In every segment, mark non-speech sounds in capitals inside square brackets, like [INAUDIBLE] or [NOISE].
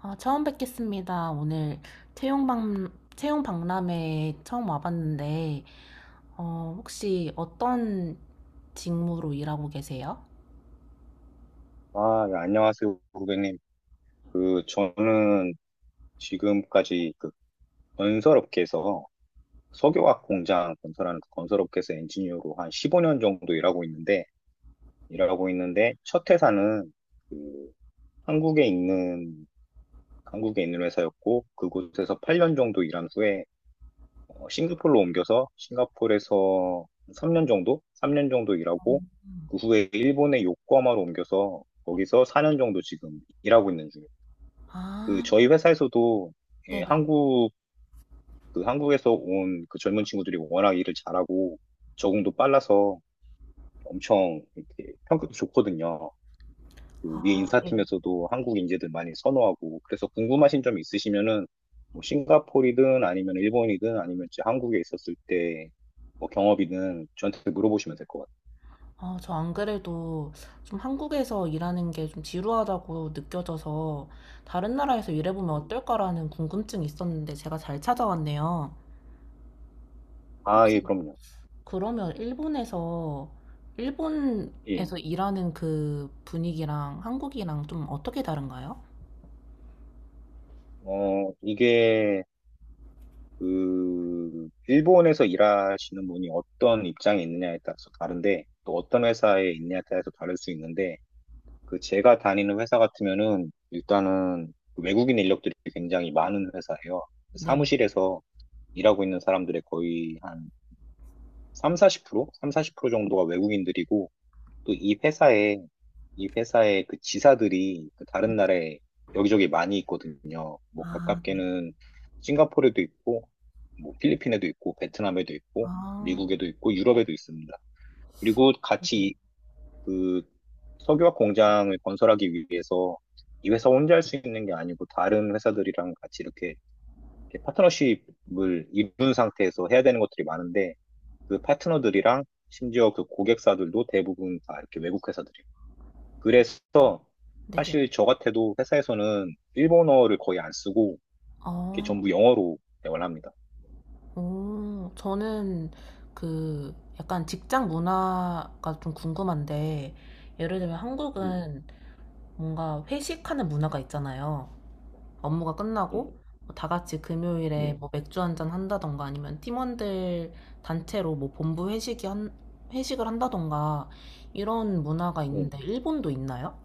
아, 처음 뵙겠습니다. 오늘 채용박람회에 처음 와봤는데, 혹시 어떤 직무로 일하고 계세요? 아, 네, 안녕하세요, 고객님. 저는 지금까지 건설업계에서 석유화학 공장 건설하는 그 건설업계에서 엔지니어로 한 15년 정도 일하고 있는데, 첫 회사는 그 한국에 있는, 한국에 있는 회사였고, 그곳에서 8년 정도 일한 후에 싱가포르로 옮겨서 싱가포르에서 3년 정도 일하고, 그 후에 일본의 요코하마로 옮겨서 거기서 4년 정도 지금 일하고 있는 중이에요. 저희 아, 회사에서도 예, 네네. 한국에서 온 젊은 친구들이 워낙 일을 잘하고 적응도 빨라서 엄청 이렇게 평가도 좋거든요. 그 위에 아, 네. 인사팀에서도 한국 인재들 많이 선호하고, 그래서 궁금하신 점 있으시면은 뭐 싱가포르이든 아니면 일본이든 아니면 이제 한국에 있었을 때 뭐 경험이든 저한테 물어보시면 될 것 같아요. 아, 저 안 그래도 좀 한국에서 일하는 게 좀 지루하다고 느껴져서 다른 나라에서 일해보면 음. 어떨까라는 궁금증이 있었는데 제가 잘 찾아왔네요. 아, 예, 혹시 그럼요. 그러면 일본에서 예. 일본에서 일하는 그 분위기랑 한국이랑 좀 어떻게 다른가요? 이게 일본에서 일하시는 분이 어떤 입장에 있느냐에 따라서 다른데, 또 어떤 회사에 있느냐에 따라서 다를 수 있는데, 제가 다니는 회사 같으면은, 일단은 외국인 인력들이 굉장히 많은 회사예요. 네. 사무실에서 일하고 있는 사람들의 거의 한 삼, 사십 프로 삼사 3, 40% 정도가 외국인들이고, 또 이 회사의 지사들이 네. 다른 나라에 여기저기 많이 있거든요. 뭐 아, 네. 가깝게는 싱가포르에도 있고, 뭐 필리핀에도 있고, 베트남에도 있고, 아, 미국에도 있고, 유럽에도 있습니다. 그리고 네네. 같이 그 석유화 공장을 건설하기 위해서 이 회사 혼자 할 수 있는 게 아니고 다른 회사들이랑 같이 이렇게 파트너십을 이룬 상태에서 해야 되는 것들이 많은데 그 파트너들이랑 심지어 그 고객사들도 대부분 다 이렇게 외국 회사들이고 그래서 네네. 사실 저 같아도 회사에서는 일본어를 거의 안 쓰고 이렇게 아, 전부 영어로 대화를 합니다. 오, 저는 그 약간 직장 문화가 좀 궁금한데, 예를 들면 음, 한국은 뭔가 회식하는 문화가 있잖아요. 업무가 끝나고 음, 뭐다 같이 금요일에 뭐 맥주 한 잔 한다던가 아니면 팀원들 단체로 뭐 본부 회식을 한다던가 이런 문화가 음, 음. 있는데 일본도 있나요?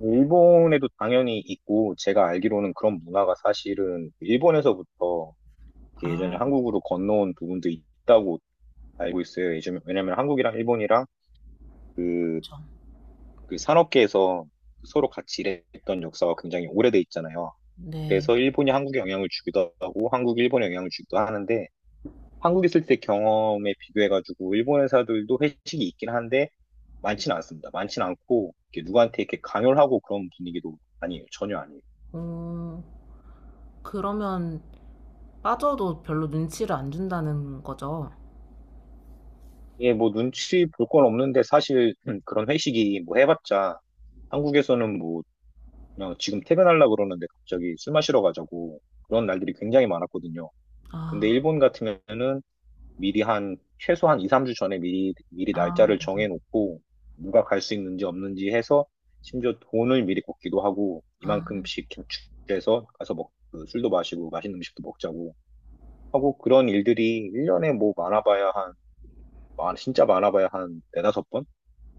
일본에도 당연히 있고 제가 알기로는 그런 문화가 사실은 일본에서부터 이렇게 예전에 아, 한국으로 건너온 부분도 있다고 알고 있어요. 예전에 왜냐면 한국이랑 일본이랑 그, 그렇죠. 그 산업계에서 서로 같이 일했던 역사가 굉장히 오래돼 있잖아요. 네. 그래서 일본이 한국에 영향을 주기도 하고 한국이 일본에 영향을 주기도 하는데 한국 있을 때 경험에 비교해가지고 일본 회사들도 회식이 있긴 한데 많지는 않습니다. 많지는 않고 이렇게 누구한테 이렇게 강요를 하고 그런 분위기도 아니에요. 전혀 아니에요. 어, 그러면 빠져도 별로 눈치를 안 준다는 거죠? 예, 뭐 눈치 볼 건 없는데 사실 [CLEARS THROAT] 그런 회식이 뭐 해봤자 한국에서는 뭐 그냥 지금 퇴근하려고 그러는데 갑자기 술 마시러 가자고 그런 날들이 굉장히 많았거든요. 근데 아, 일본 같으면은 미리 한 최소한 2, 3주 전에 미리 미리 아, 날짜를 정해놓고 누가 갈 수 있는지 없는지 해서 심지어 돈을 미리 꽂기도 하고 아, 이만큼씩 저축해서 가서 먹, 그 술도 마시고 맛있는 음식도 먹자고 하고 그런 일들이 1년에 뭐 많아봐야 한 진짜 많아봐야 한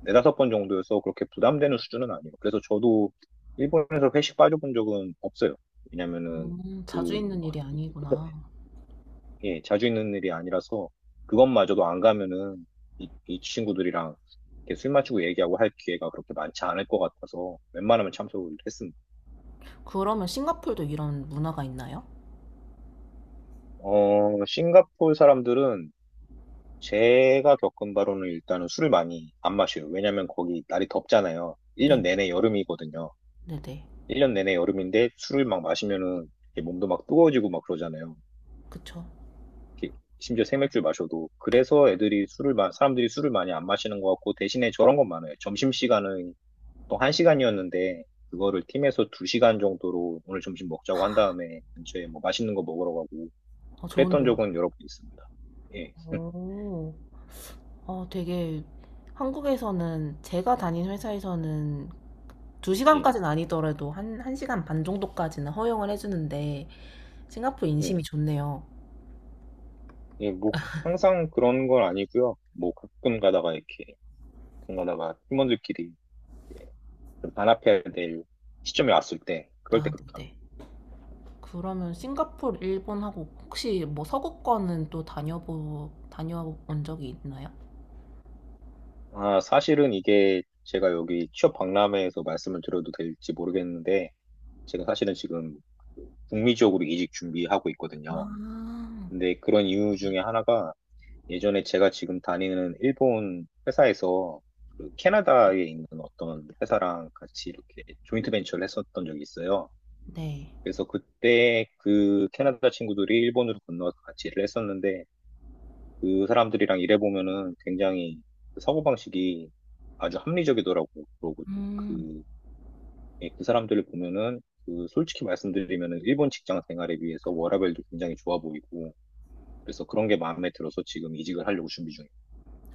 네다섯 번 정도여서 그렇게 부담되는 수준은 아니에요. 그래서 저도 일본에서 회식 빠져본 적은 없어요. 왜냐면은 자주 그 있는 일이 아니구나. 예, 자주 있는 일이 아니라서 그것마저도 안 가면은 이 친구들이랑 이렇게 술 마시고 얘기하고 할 기회가 그렇게 많지 않을 것 같아서 웬만하면 참석을 했습니다. 그러면 싱가폴도 이런 문화가 있나요? 싱가포르 사람들은 제가 겪은 바로는 일단은 술을 많이 안 마셔요. 왜냐면 거기 날이 덥잖아요. 1년 네, 내내 여름이거든요. 네네. 1년 내내 여름인데 술을 막 마시면은 이렇게 몸도 막 뜨거워지고 막 그러잖아요. 그쵸. 이렇게 심지어 생맥주 마셔도. 그래서 사람들이 술을 많이 안 마시는 것 같고, 대신에 저런 건 많아요. 점심시간은 보통 1시간이었는데 그거를 팀에서 2시간 정도로 오늘 점심 먹자고 한 다음에 근처에 뭐 맛있는 거 먹으러 가고 그랬던 좋은데요. 적은 여러 번 있습니다. 예, 오, 되게 한국에서는 제가 다닌 회사에서는 예, 2시간까지는 아니더라도 한, 1시간 반 정도까지는 허용을 해주는데 싱가포르 인심이 예, 좋네요. 예, 뭐 항상 그런 건 아니고요. 뭐 가끔 가다가 팀원들끼리 예, 좀 단합해야 될 시점이 왔을 때 그럴 때 아, 그렇게 합니다. 네. 그러면 싱가포르, 일본하고 혹시 뭐 서구권은 또 다녀본 적이 있나요? 아, 사실은 이게 제가 여기 취업 박람회에서 말씀을 드려도 될지 모르겠는데 제가 사실은 지금 북미 지역으로 이직 준비하고 아, 있거든요. 근데 그런 이유 중에 하나가 예전에 제가 지금 다니는 일본 회사에서 캐나다에 있는 어떤 회사랑 같이 이렇게 조인트 벤처를 했었던 적이 있어요. 네. 그래서 그때 캐나다 친구들이 일본으로 건너와서 같이 일을 했었는데 그 사람들이랑 일해보면은 굉장히 그 사고방식이 아주 합리적이더라고요. 음. 그, 예, 그 사람들을 보면은 솔직히 말씀드리면은 일본 직장 생활에 비해서 워라밸도 굉장히 좋아 보이고 그래서 그런 게 마음에 들어서 지금 이직을 하려고 준비 중이에요.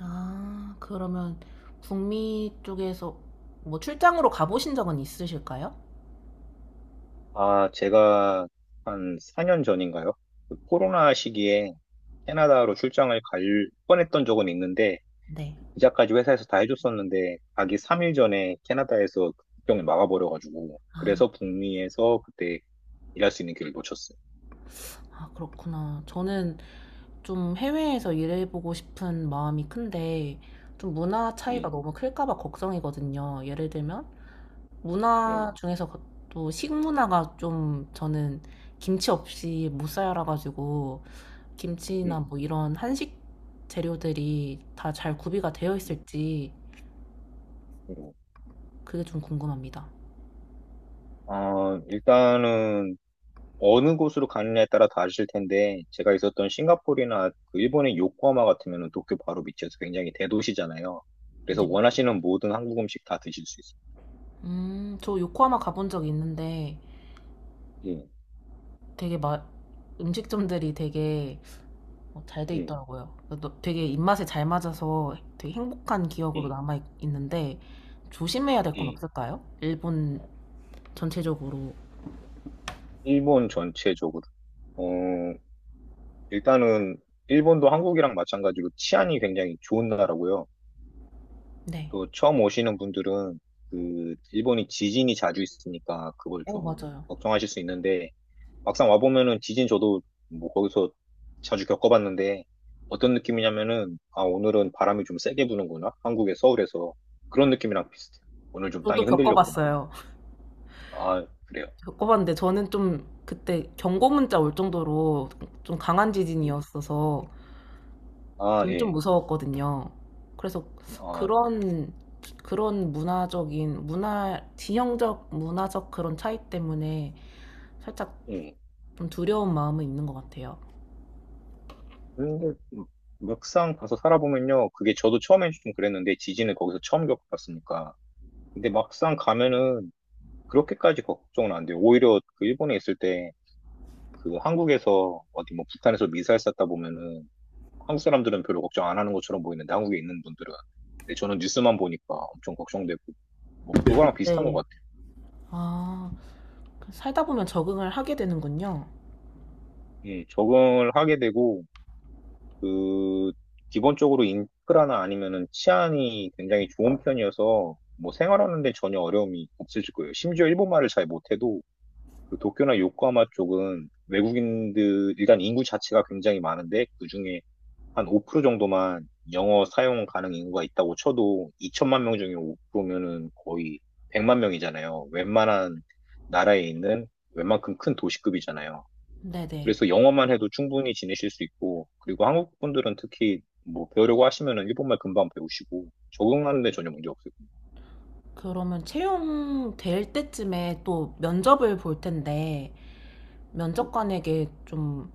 아, 그러면 북미 쪽에서 뭐 출장으로 가보신 적은 있으실까요? 아, 제가 한 4년 전인가요? 코로나 시기에 캐나다로 출장을 갈 뻔했던 적은 있는데, 네. 비자까지 회사에서 다 해줬었는데, 가기 3일 전에 캐나다에서 국경을 막아버려가지고, 아, 그래서 북미에서 그때 일할 수 있는 기회를 놓쳤어요. 아, 그렇구나. 저는 좀 해외에서 일해보고 싶은 마음이 큰데, 좀 문화 차이가 예, 너무 클까봐 걱정이거든요. 예를 들면, 예, 문화 중에서 또 식문화가 좀 저는 김치 없이 못 살아가지고, 김치나 예. 뭐 이런 한식 재료들이 다 잘 구비가 되어 예. 있을지, 예. 그게 좀 궁금합니다. 일단은 어느 곳으로 가느냐에 따라 다르실 텐데 제가 있었던 싱가포르나 그 일본의 요코하마 같으면 도쿄 바로 밑이어서 굉장히 대도시잖아요. 그래서 네. 원하시는 모든 한국 음식 다 드실 수 있어요. 저 요코하마 가본 적 있는데, 예, 되게 막 음식점들이 되게 잘 돼 예, 있더라고요. 되게 입맛에 잘 맞아서 되게 행복한 기억으로 예, 남아 있는데 조심해야 될 건 예. 없을까요? 일본 전체적으로. 일본 전체적으로. 어, 일단은 일본도 한국이랑 마찬가지로 치안이 굉장히 좋은 나라고요. 네. 또 처음 오시는 분들은 일본이 지진이 자주 있으니까 그걸 좀 맞아요. 걱정하실 수 있는데 막상 와보면은 지진 저도 뭐 거기서 자주 겪어봤는데 어떤 느낌이냐면은, 아, 오늘은 바람이 좀 세게 부는구나, 한국의 서울에서, 그런 느낌이랑 비슷해요. 오늘 좀 저도 땅이 흔들렸구나. 겪어봤어요. [LAUGHS] 아, 그래요. 겪어봤는데 저는 좀 그때 경고 문자 올 정도로 좀 강한 음. 지진이었어서 아, 저는 좀 예. 무서웠거든요. 그래서 아, 그런 그런 문화적인 문화 지형적 문화적 그런 차이 때문에 살짝 예. 좀 두려운 마음은 있는 것 같아요. 근데 막상 가서 살아보면요 그게 저도 처음엔 좀 그랬는데 지진을 거기서 처음 겪어봤으니까 근데 막상 가면은 그렇게까지 걱정은 안 돼요. 오히려 그 일본에 있을 때 그 한국에서 어디 뭐 북한에서 미사일 쐈다 보면은 한국 사람들은 별로 걱정 안 하는 것처럼 보이는데 한국에 있는 분들은. 근데 저는 뉴스만 보니까 엄청 걱정되고 뭐 그거랑 비슷한 것 네. 같아요. 아, 그 살다 보면 적응을 하게 되는군요. 예, 적응을 하게 되고 그 기본적으로 인프라나 아니면은 치안이 굉장히 좋은 편이어서 뭐 생활하는 데 전혀 어려움이 없으실 거예요. 심지어 일본말을 잘 못해도 도쿄나 요코하마 쪽은 외국인들 일단 인구 자체가 굉장히 많은데 그중에 한 5% 정도만 영어 사용 가능 인구가 있다고 쳐도 2천만 명 중에 5%면은 거의 100만 명이잖아요. 웬만한 나라에 있는 웬만큼 큰 도시급이잖아요. 네네. 그래서 영어만 해도 충분히 지내실 수 있고, 그리고 한국 분들은 특히 뭐 배우려고 하시면은 일본말 금방 배우시고, 적응하는데 전혀 문제 없을 겁니다. 그러면 채용될 때쯤에 또 면접을 볼 텐데, 면접관에게 좀,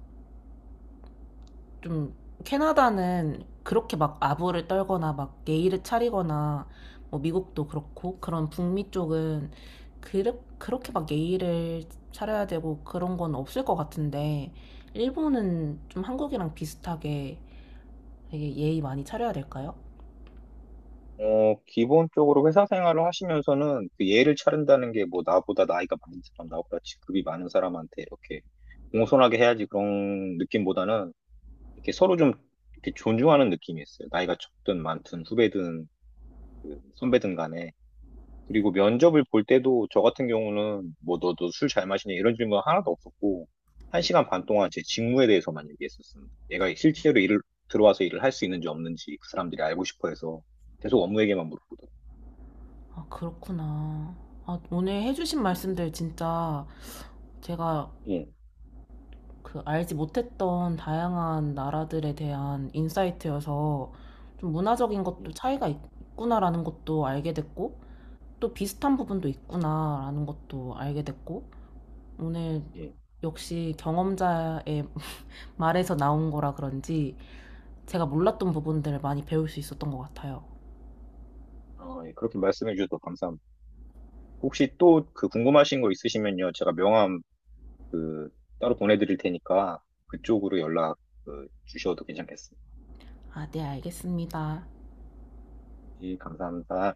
좀, 캐나다는 그렇게 막 아부를 떨거나 막 예의를 차리거나, 뭐 미국도 그렇고, 그런 북미 쪽은 그렇게 막 예의를 차려야 되고 그런 건 없을 것 같은데, 일본은 좀 한국이랑 비슷하게 되게 예의 많이 차려야 될까요? 기본적으로 회사 생활을 하시면서는 예를 차른다는 게 뭐 나보다 나이가 많은 사람, 나보다 직급이 많은 사람한테 이렇게 공손하게 해야지 그런 느낌보다는 이렇게 서로 좀 이렇게 존중하는 느낌이었어요. 나이가 적든 많든 후배든 선배든 간에. 그리고 면접을 볼 때도 저 같은 경우는 뭐 너도 술 잘 마시냐 이런 질문 하나도 없었고 1시간 반 동안 제 직무에 대해서만 얘기했었습니다. 얘가 실제로 일을 들어와서 일을 할 수 있는지 없는지 그 사람들이 알고 싶어 해서 계속 업무 얘기만 물어보더라고요. 아, 그렇구나. 아, 오늘 해주신 예, 말씀들 진짜 제가 예, 그 알지 못했던 다양한 나라들에 대한 인사이트여서 좀 문화적인 예, 것도 차이가 있구나라는 것도 알게 됐고 또 비슷한 부분도 있구나라는 것도 알게 됐고 오늘 예. 역시 경험자의 [LAUGHS] 말에서 나온 거라 그런지 제가 몰랐던 예. 부분들을 많이 배울 수 있었던 것 같아요. 아, 예. 그렇게 말씀해 주셔서 감사합니다. 혹시 또 궁금하신 거 있으시면요, 제가 명함 그 따로 보내드릴 테니까 그쪽으로 연락 주셔도 괜찮겠습니다. 아, 네, 알겠습니다. 예, 감사합니다.